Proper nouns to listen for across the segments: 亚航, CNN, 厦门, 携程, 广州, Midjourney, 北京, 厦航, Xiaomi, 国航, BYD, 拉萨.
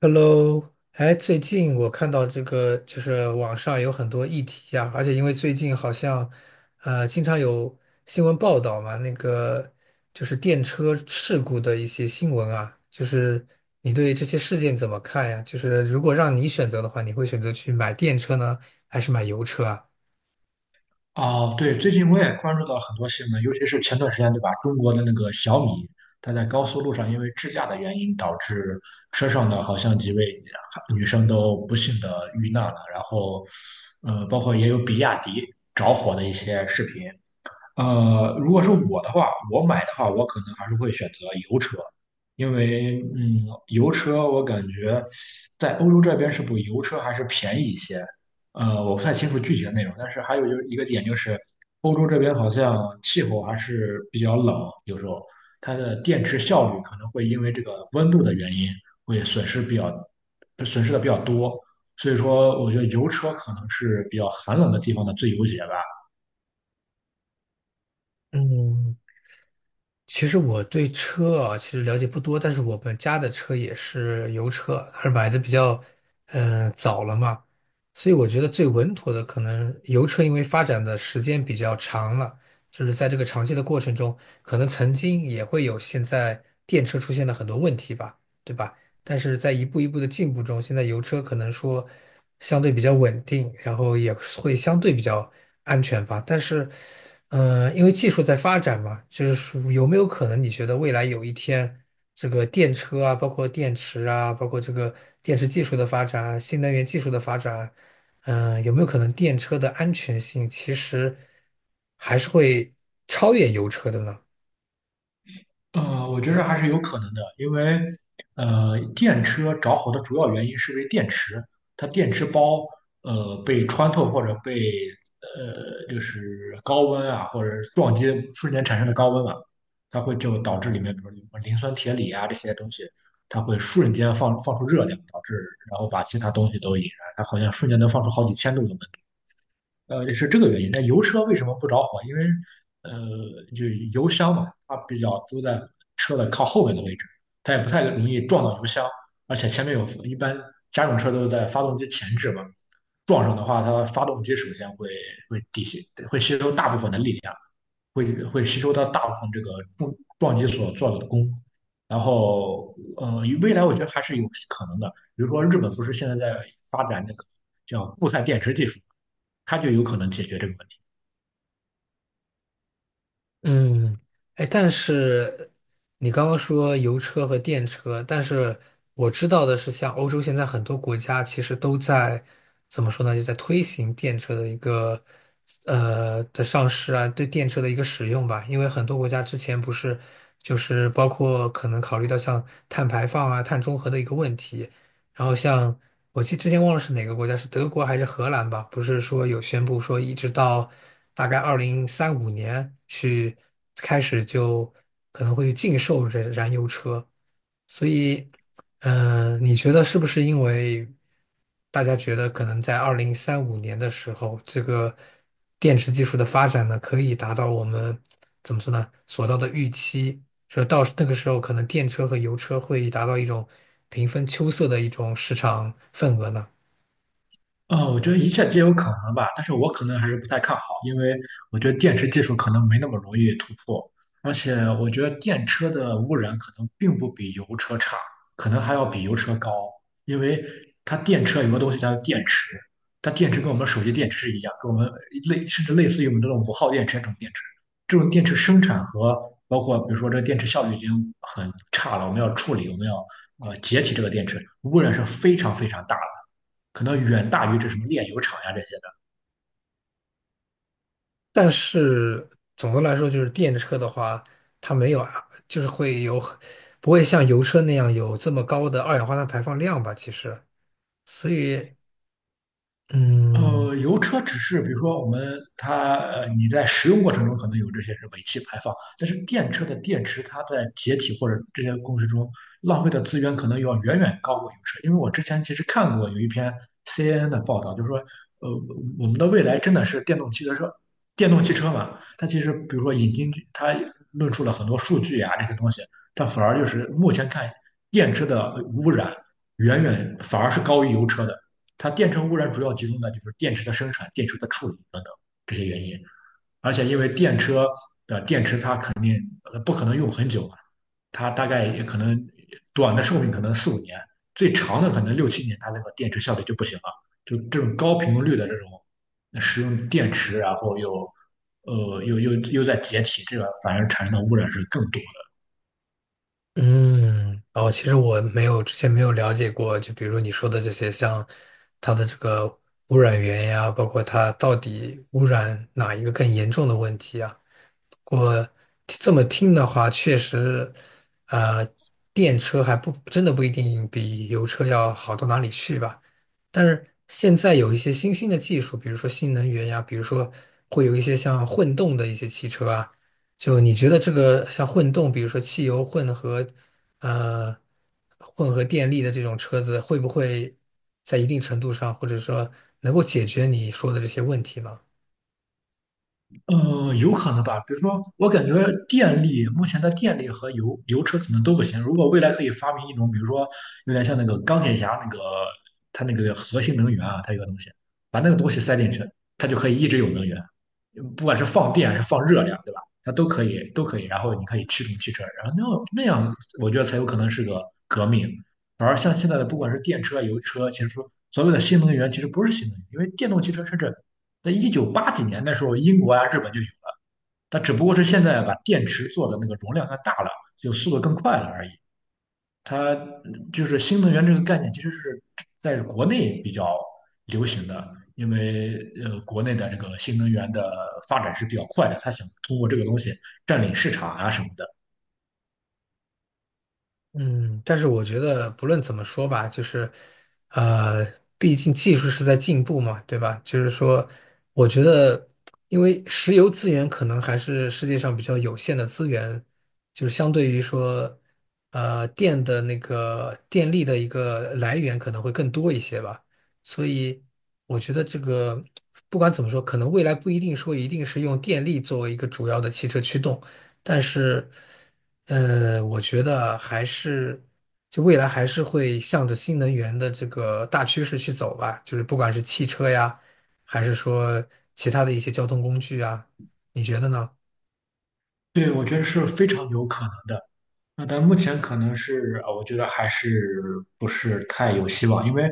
Hello，哎，最近我看到这个，就是网上有很多议题啊，而且因为最近好像，经常有新闻报道嘛，那个就是电车事故的一些新闻啊，就是你对这些事件怎么看呀？就是如果让你选择的话，你会选择去买电车呢，还是买油车啊？哦，对，最近我也关注到很多新闻，尤其是前段时间，对吧？中国的那个小米，它在高速路上因为智驾的原因，导致车上的好像几位女生都不幸的遇难了。然后，包括也有比亚迪着火的一些视频。如果是我的话，我买的话，我可能还是会选择油车，因为嗯，油车我感觉在欧洲这边是不是油车还是便宜一些。我不太清楚具体的内容，但是还有就是一个点就是，欧洲这边好像气候还是比较冷，有时候它的电池效率可能会因为这个温度的原因会损失的比较多，所以说我觉得油车可能是比较寒冷的地方的最优解吧。嗯，其实我对车啊，其实了解不多，但是我们家的车也是油车，还是买的比较，嗯，早了嘛，所以我觉得最稳妥的可能油车，因为发展的时间比较长了，就是在这个长期的过程中，可能曾经也会有现在电车出现的很多问题吧，对吧？但是在一步一步的进步中，现在油车可能说相对比较稳定，然后也会相对比较安全吧。但是，嗯、因为技术在发展嘛，就是说有没有可能你觉得未来有一天，这个电车啊，包括电池啊，包括这个电池技术的发展啊，新能源技术的发展啊嗯、有没有可能电车的安全性其实还是会超越油车的呢？我觉得还是有可能的，因为电车着火的主要原因是因为电池，它电池包被穿透或者被就是高温啊或者撞击瞬间产生的高温嘛，它会就导致里面比如说磷酸铁锂啊这些东西，它会瞬间放出热量，导致然后把其他东西都引燃，它好像瞬间能放出好几千度的温。是这个原因。那油车为什么不着火？因为呃，就油箱嘛，它比较都在车的靠后面的位置，它也不太容易撞到油箱，而且前面有，一般家用车都是在发动机前置嘛，撞上的话，它发动机首先会抵消，会吸收大部分的力量。会吸收到大部分这个重撞击所做的功。然后，未来我觉得还是有可能的。比如说，日本不是现在在发展那个叫固态电池技术，它就有可能解决这个问题。嗯，哎，但是你刚刚说油车和电车，但是我知道的是，像欧洲现在很多国家其实都在怎么说呢，就在推行电车的一个上市啊，对电车的一个使用吧。因为很多国家之前不是就是包括可能考虑到像碳排放啊、碳中和的一个问题，然后像我记得之前忘了是哪个国家，是德国还是荷兰吧？不是说有宣布说一直到大概二零三五年去开始就可能会禁售这燃油车，所以，嗯、你觉得是不是因为大家觉得可能在二零三五年的时候，这个电池技术的发展呢，可以达到我们怎么说呢，所到的预期？说到那个时候，可能电车和油车会达到一种平分秋色的一种市场份额呢。啊，我觉得一切皆有可能吧，但是我可能还是不太看好，因为我觉得电池技术可能没那么容易突破，而且我觉得电车的污染可能并不比油车差，可能还要比油车高，因为它电车有个东西叫电池，它电池跟我们手机电池一样，跟我们甚至类似于我们这种5号电池这种电池，这种电池生产和包括比如说这电池效率已经很差了，我们要处理，我们要解体这个电池，污染是非常非常大的。可能远大于这什么炼油厂呀这些。但是总的来说，就是电车的话，它没有啊，就是会有不会像油车那样有这么高的二氧化碳排放量吧？其实，所以，嗯油车只是比如说我们它你在使用过程中可能有这些是尾气排放，但是电车的电池它在解体或者这些过程中浪费的资源可能要远远高过油车，因为我之前其实看过有一篇 CNN 的报道，就是说呃我们的未来真的是电动汽车，电动汽车嘛，它其实比如说引进它论述了很多数据啊这些东西，它反而就是目前看电车的污染远远反而是高于油车的。它电池污染主要集中在就是电池的生产、电池的处理等等这些原因，而且因为电车的电池它不可能用很久嘛，它大概也可能短的寿命可能四五年，最长的可能六七年，它那个电池效率就不行了。就这种高频率的这种使用电池啊，然后又在解体，这个反而产生的污染是更多。嗯，哦，其实我没有之前没有了解过，就比如你说的这些，像它的这个污染源呀，包括它到底污染哪一个更严重的问题啊？我这么听的话，确实，呃，电车还不真的不一定比油车要好到哪里去吧。但是现在有一些新兴的技术，比如说新能源呀，比如说会有一些像混动的一些汽车啊。就你觉得这个像混动，比如说汽油混合，呃，混合电力的这种车子，会不会在一定程度上，或者说能够解决你说的这些问题呢？有可能吧。比如说，我感觉电力目前的电力和油车可能都不行。如果未来可以发明一种，比如说有点像那个钢铁侠那个，它那个核心能源啊，它有个东西，把那个东西塞进去，它就可以一直有能源，不管是放电还是放热量，对吧？它都可以，都可以。然后你可以驱动汽车，然后那样，我觉得才有可能是个革命。而像现在的，不管是电车啊、油车，其实说所谓的新能源，其实不是新能源，因为电动汽车甚至在一九八几年的时候，英国啊、日本就有了，它只不过是现在把电池做的那个容量它大了，就速度更快了而已。它就是新能源这个概念，其实是在国内比较流行的，因为国内的这个新能源的发展是比较快的，它想通过这个东西占领市场啊什么的。嗯，但是我觉得不论怎么说吧，就是，呃，毕竟技术是在进步嘛，对吧？就是说，我觉得，因为石油资源可能还是世界上比较有限的资源，就是相对于说，电的那个电力的一个来源可能会更多一些吧。所以，我觉得这个不管怎么说，可能未来不一定说一定是用电力作为一个主要的汽车驱动。但是，我觉得还是，就未来还是会向着新能源的这个大趋势去走吧。就是不管是汽车呀，还是说其他的一些交通工具啊，你觉得呢？对，我觉得是非常有可能的。那但目前可能是，我觉得还是不是太有希望，因为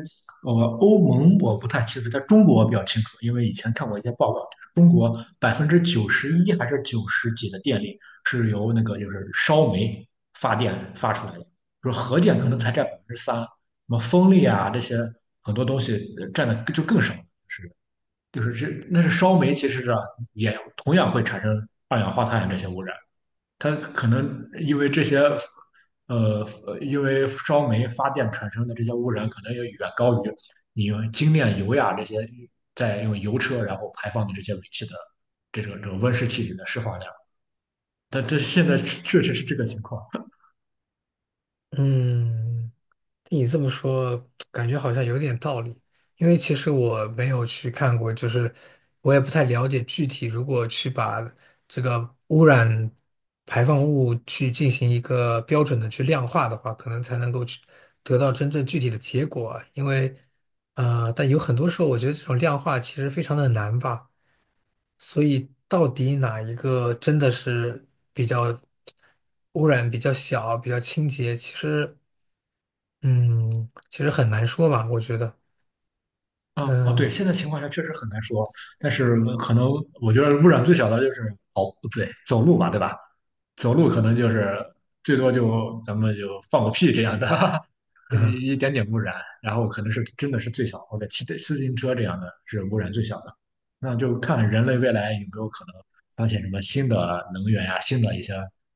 呃，欧盟我不太清楚，在中国我比较清楚，因为以前看过一些报告，就是中国91%还是九十几的电力是由那个就是烧煤发电发出来的，就是核电可能才嗯占3%，什么风力啊这些很多东西占的就更少，是就是这那是烧煤，其实是啊也同样会产生二氧化碳这些污染。它可能因为这些，呃，因为烧煤发电产生的这些污染，可能也远高于你用精炼油呀这些在用油车然后排放的这些尾气的这种温室气体的释放量。但这现在确实是这个情况。嗯。你这么说，感觉好像有点道理。因为其实我没有去看过，就是我也不太了解具体，如果去把这个污染排放物去进行一个标准的去量化的话，可能才能够去得到真正具体的结果啊。因为，但有很多时候，我觉得这种量化其实非常的难吧。所以，到底哪一个真的是比较污染比较小、比较清洁，其实。嗯，其实很难说吧，我觉得，啊啊，对，嗯现在情况下确实很难说，但是可能我觉得污染最小的就是哦，对，走路吧，对吧？走路可能就是最多就咱们就放个屁这样的，嗯一点点污染。然后可能是真的是最小，或者骑自行车这样的是污染最小的。那就看人类未来有没有可能发现什么新的能源呀、新的一些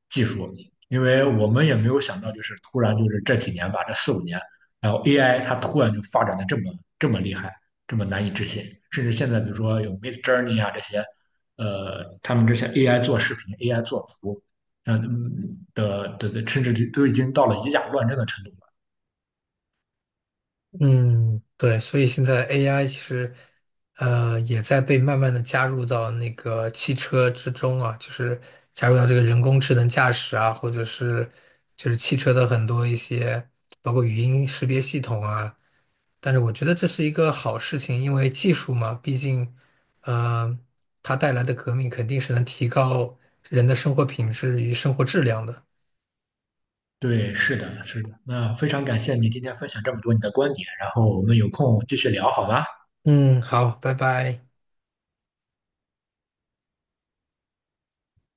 技术，因为我们也没有想到，就是突然就是这几年吧，这四五年，然后 AI 它突然就发展的这么厉害，这么难以置信，甚至现在比如说有 Midjourney 啊这些。他们这些 AI 做视频、AI 做图，呃嗯的的的，甚至都已经到了以假乱真的程度了。嗯，对，所以现在 AI 其实，也在被慢慢的加入到那个汽车之中啊，就是加入到这个人工智能驾驶啊，或者是就是汽车的很多一些，包括语音识别系统啊。但是我觉得这是一个好事情，因为技术嘛，毕竟，呃，它带来的革命肯定是能提高人的生活品质与生活质量的。对，是的，是的。那非常感谢你今天分享这么多你的观点，然后我们有空继续聊好吗？嗯，好，拜拜。